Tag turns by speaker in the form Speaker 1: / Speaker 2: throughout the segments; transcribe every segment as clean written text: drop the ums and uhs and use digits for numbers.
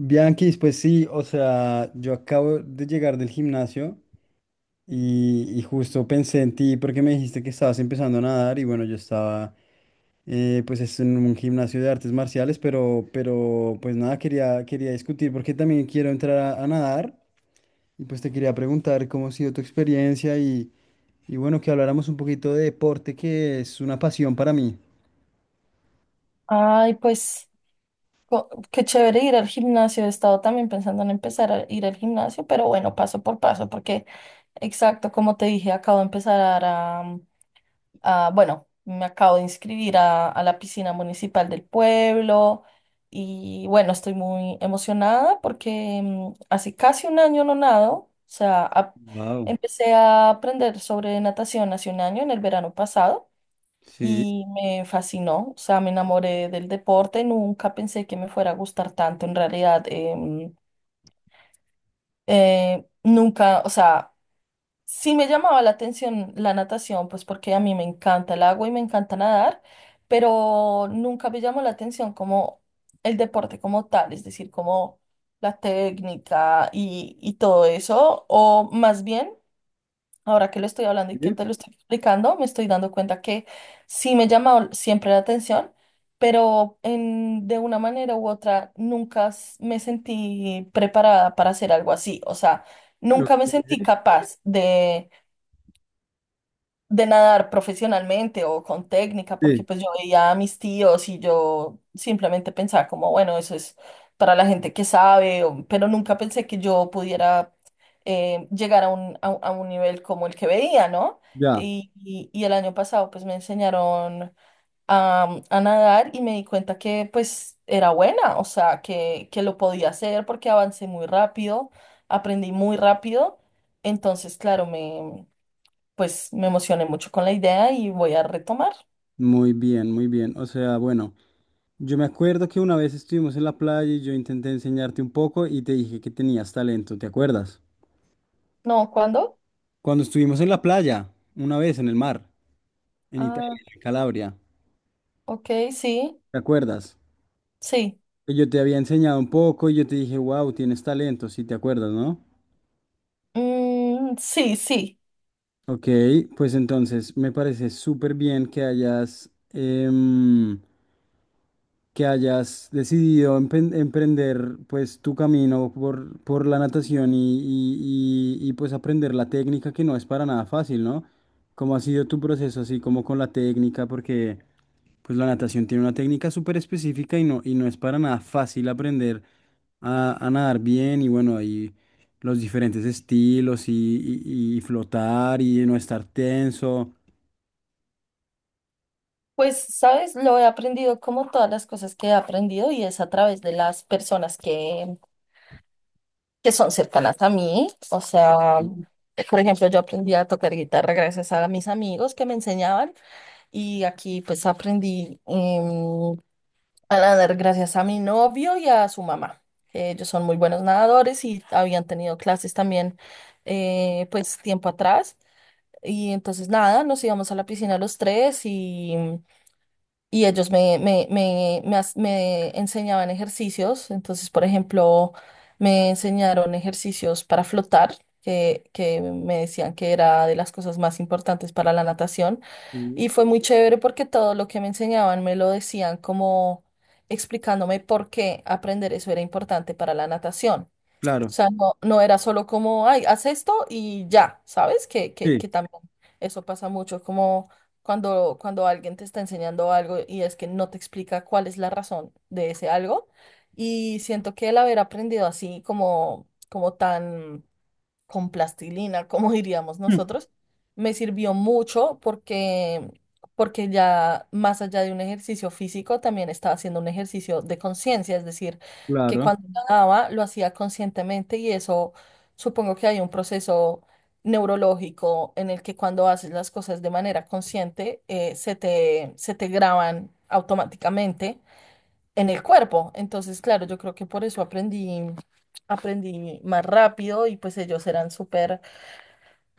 Speaker 1: Bianquis, pues sí, o sea, yo acabo de llegar del gimnasio y justo pensé en ti porque me dijiste que estabas empezando a nadar y bueno, yo estaba pues es en un gimnasio de artes marciales, pero pues nada, quería discutir porque también quiero entrar a nadar y pues te quería preguntar cómo ha sido tu experiencia y bueno, que habláramos un poquito de deporte que es una pasión para mí.
Speaker 2: Ay, pues qué chévere ir al gimnasio. He estado también pensando en empezar a ir al gimnasio, pero bueno, paso por paso, porque exacto, como te dije, acabo de empezar a, bueno, me acabo de inscribir a la piscina municipal del pueblo y bueno, estoy muy emocionada porque hace casi un año no nado, o sea,
Speaker 1: Wow.
Speaker 2: empecé a aprender sobre natación hace un año, en el verano pasado
Speaker 1: Sí,
Speaker 2: y me fascinó, o sea, me enamoré del deporte, nunca pensé que me fuera a gustar tanto, en realidad, nunca, o sea, sí me llamaba la atención la natación, pues porque a mí me encanta el agua y me encanta nadar, pero nunca me llamó la atención como el deporte como tal, es decir, como la técnica y todo eso, o más bien. Ahora que lo estoy hablando y
Speaker 1: sí,
Speaker 2: que te lo estoy explicando, me estoy dando cuenta que sí me llamó siempre la atención, pero en, de una manera u otra nunca me sentí preparada para hacer algo así. O sea, nunca me sentí capaz de nadar profesionalmente o con técnica, porque
Speaker 1: ok,
Speaker 2: pues yo veía a mis tíos y yo simplemente pensaba como, bueno, eso es para la gente que sabe, o- pero nunca pensé que yo pudiera llegar a un, a, un a un nivel como el que veía, ¿no?
Speaker 1: ya,
Speaker 2: Y, y el año pasado pues me enseñaron a nadar y me di cuenta que pues era buena, o sea, que lo podía hacer porque avancé muy rápido, aprendí muy rápido, entonces claro, me pues me emocioné mucho con la idea y voy a retomar.
Speaker 1: muy bien, muy bien. O sea, bueno. Yo me acuerdo que una vez estuvimos en la playa y yo intenté enseñarte un poco y te dije que tenías talento, ¿te acuerdas?
Speaker 2: No, ¿cuándo?
Speaker 1: Cuando estuvimos en la playa, una vez en el mar, en
Speaker 2: Ah,
Speaker 1: Italia, en Calabria,
Speaker 2: ok, sí,
Speaker 1: ¿te acuerdas?
Speaker 2: sí.
Speaker 1: Que yo te había enseñado un poco y yo te dije, wow, tienes talento, sí, te acuerdas, ¿no?
Speaker 2: Mm, sí, sí.
Speaker 1: Ok, pues entonces me parece súper bien que hayas, que hayas decidido emprender pues tu camino por la natación y pues aprender la técnica que no es para nada fácil, ¿no? ¿Cómo ha sido tu proceso así como con la técnica? Porque pues la natación tiene una técnica súper específica y no es para nada fácil aprender a nadar bien y bueno, y los diferentes estilos y flotar y no estar tenso.
Speaker 2: Pues, sabes, lo he aprendido como todas las cosas que he aprendido y es a través de las personas que son cercanas a mí. O sea, por ejemplo, yo aprendí a tocar guitarra gracias a mis amigos que me enseñaban y aquí pues aprendí a nadar gracias a mi novio y a su mamá. Que ellos son muy buenos nadadores y habían tenido clases también pues tiempo atrás. Y entonces nada, nos íbamos a la piscina los tres y ellos me me enseñaban ejercicios. Entonces, por ejemplo, me enseñaron ejercicios para flotar, que me decían que era de las cosas más importantes para la natación. Y
Speaker 1: Ujú.
Speaker 2: fue muy chévere porque todo lo que me enseñaban me lo decían como explicándome por qué aprender eso era importante para la natación. O
Speaker 1: Claro,
Speaker 2: sea, no, no era solo como, ay, haz esto y ya, ¿sabes? Que, que,
Speaker 1: sí,
Speaker 2: que también eso pasa mucho, como cuando, cuando alguien te está enseñando algo y es que no te explica cuál es la razón de ese algo. Y siento que el haber aprendido así, como, como tan con plastilina, como diríamos nosotros, me sirvió mucho porque, porque ya más allá de un ejercicio físico, también estaba haciendo un ejercicio de conciencia, es decir, que
Speaker 1: claro.
Speaker 2: cuando Ujú. Nadaba lo hacía conscientemente y eso supongo que hay un proceso neurológico en el que cuando haces las cosas de manera consciente, se te graban automáticamente en el cuerpo. Entonces, claro, yo creo que por eso aprendí, aprendí más rápido y pues ellos eran súper,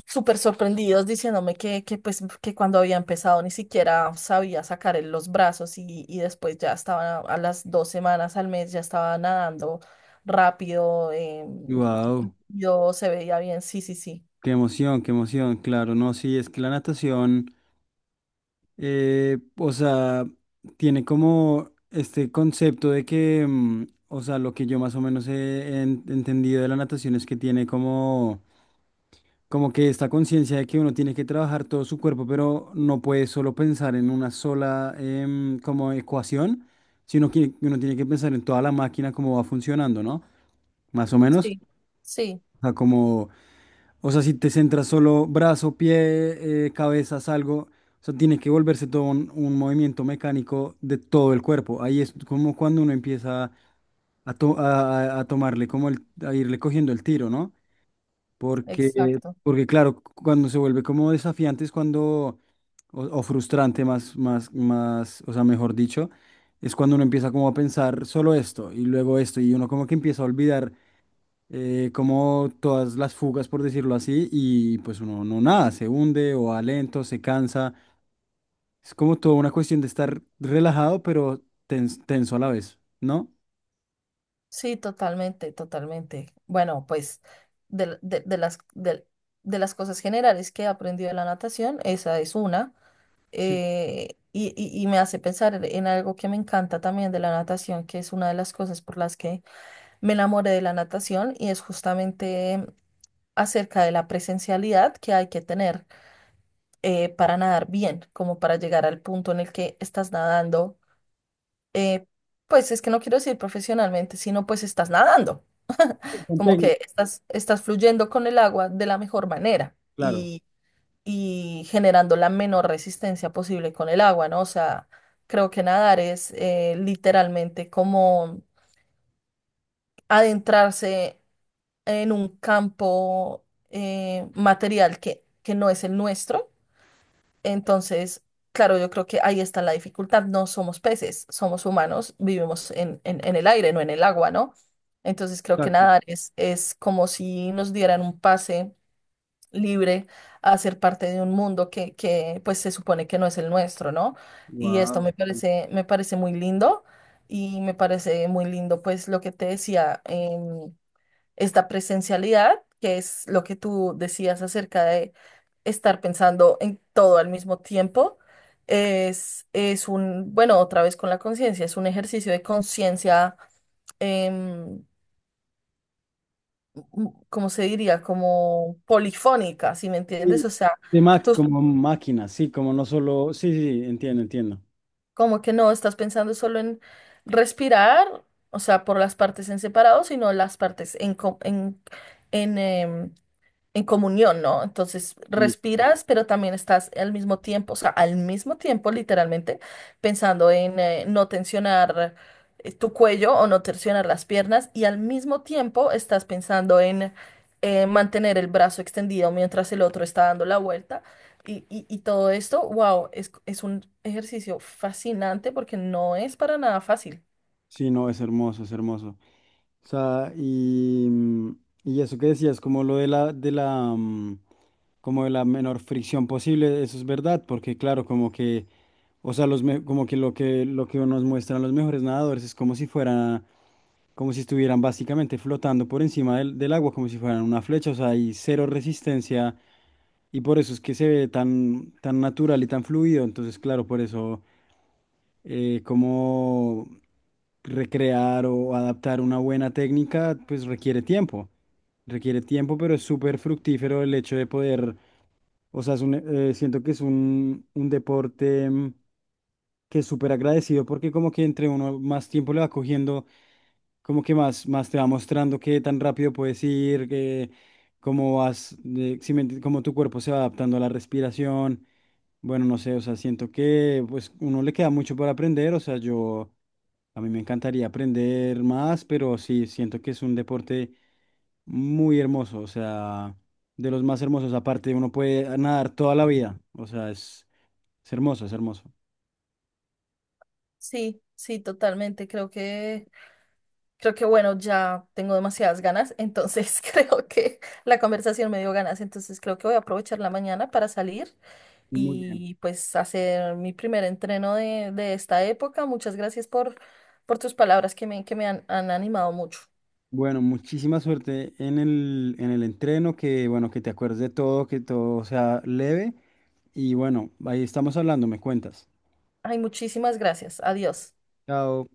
Speaker 2: súper sorprendidos diciéndome que pues que cuando había empezado ni siquiera sabía sacar los brazos y después ya estaba a las dos semanas al mes ya estaba nadando rápido,
Speaker 1: Wow.
Speaker 2: yo se veía bien, sí, sí, sí.
Speaker 1: Qué emoción, claro, no, sí, es que la natación, o sea, tiene como este concepto de que, mm, o sea, lo que yo más o menos he entendido de la natación es que tiene como, como que esta conciencia de que uno tiene que trabajar todo su cuerpo, pero no puede solo pensar en una sola como ecuación, sino que uno tiene que pensar en toda la máquina, cómo va funcionando, ¿no? Más o menos,
Speaker 2: Sí, sí,
Speaker 1: o sea, como. O sea, si te centras solo brazo, pie, cabeza, algo, o sea, tiene que volverse todo un movimiento mecánico de todo el cuerpo. Ahí es como cuando uno empieza a tomarle, como a irle cogiendo el tiro, ¿no? Porque,
Speaker 2: exacto.
Speaker 1: porque claro, cuando se vuelve como desafiante es cuando, o frustrante más, o sea, mejor dicho, es cuando uno empieza como a pensar solo esto y luego esto y uno como que empieza a olvidar como todas las fugas, por decirlo así, y pues uno no nada, se hunde o va lento, se cansa. Es como toda una cuestión de estar relajado, pero tenso a la vez, ¿no?
Speaker 2: Sí, totalmente, totalmente. Bueno, pues de, de las cosas generales que he aprendido de la natación, esa es una.
Speaker 1: Sí,
Speaker 2: Y, y me hace pensar en algo que me encanta también de la natación, que es una de las cosas por las que me enamoré de la natación, y es justamente acerca de la presencialidad que hay que tener para nadar bien, como para llegar al punto en el que estás nadando. eh, pues es que no quiero decir profesionalmente, sino pues estás nadando.
Speaker 1: con
Speaker 2: Como
Speaker 1: técnica.
Speaker 2: que estás, estás fluyendo con el agua de la mejor manera
Speaker 1: Claro,
Speaker 2: y generando la menor resistencia posible con el agua, ¿no? O sea, creo que nadar es literalmente como adentrarse en un campo material que no es el nuestro. Entonces, claro, yo creo que ahí está la dificultad. No somos peces, somos humanos, vivimos en, en el aire, no en el agua, ¿no? Entonces creo que
Speaker 1: exacto.
Speaker 2: nadar es como si nos dieran un pase libre a ser parte de un mundo que pues se supone que no es el nuestro, ¿no? Y esto
Speaker 1: Wow.
Speaker 2: me parece muy lindo y me parece muy lindo pues lo que te decía, esta presencialidad, que es lo que tú decías acerca de estar pensando en todo al mismo tiempo. Es un, bueno, otra vez con la conciencia, es un ejercicio de conciencia, em, m- ¿cómo se diría? Como polifónica, ¿si me entiendes?
Speaker 1: Sí,
Speaker 2: O sea,
Speaker 1: como máquina, sí, como no solo. Sí, sí, sí, entiendo, entiendo.
Speaker 2: como que no estás pensando solo en respirar, o sea, por las partes en separado, sino las partes en, en, en comunión, ¿no? Entonces
Speaker 1: Sí,
Speaker 2: respiras, pero también estás al mismo tiempo, o sea, al mismo tiempo, literalmente, pensando en no tensionar tu cuello o no tensionar las piernas y al mismo tiempo estás pensando en mantener el brazo extendido mientras el otro está dando la vuelta. Y, y todo esto, wow, es un ejercicio fascinante porque no es para nada fácil.
Speaker 1: sí, no, es hermoso, es hermoso. O sea, y, mm, y eso que decías, como lo de de la, mm, como de la menor fricción posible, eso es verdad, porque claro, como que, o sea, los, como que lo que, lo que nos muestran los mejores nadadores es como si fuera, como si estuvieran básicamente flotando por encima del agua, como si fueran una flecha, o sea, hay cero resistencia, y por eso es que se ve tan, tan natural y tan fluido, entonces, claro, por eso cómo recrear o adaptar una buena técnica, pues requiere tiempo. Requiere tiempo, pero es súper fructífero el hecho de poder. O sea, es un, siento que es un deporte mm, que es súper agradecido porque como que entre uno más tiempo le va cogiendo, como que más, más te va mostrando qué tan rápido puedes ir, que cómo vas, si me cómo tu cuerpo se va adaptando a la respiración. Bueno, no sé, o sea, siento que pues uno le queda mucho por aprender, o sea, yo a mí me encantaría aprender más, pero sí, siento que es un deporte muy hermoso, o sea de los más hermosos. Aparte, uno puede nadar toda la vida. O sea, es hermoso, es hermoso.
Speaker 2: Sí, sí, totalmente. Creo que creo que bueno, ya tengo demasiadas ganas, entonces creo que la conversación me dio ganas, entonces creo que voy a aprovechar la mañana para salir
Speaker 1: Muy bien.
Speaker 2: y pues hacer mi primer entreno de esta época. Muchas gracias por tus palabras que me han, han animado mucho.
Speaker 1: Bueno, muchísima suerte en el entreno, que bueno, que te acuerdes de todo, que todo sea leve. Y bueno, ahí estamos hablando, me cuentas.
Speaker 2: Ay, muchísimas gracias. Adiós.
Speaker 1: Chao.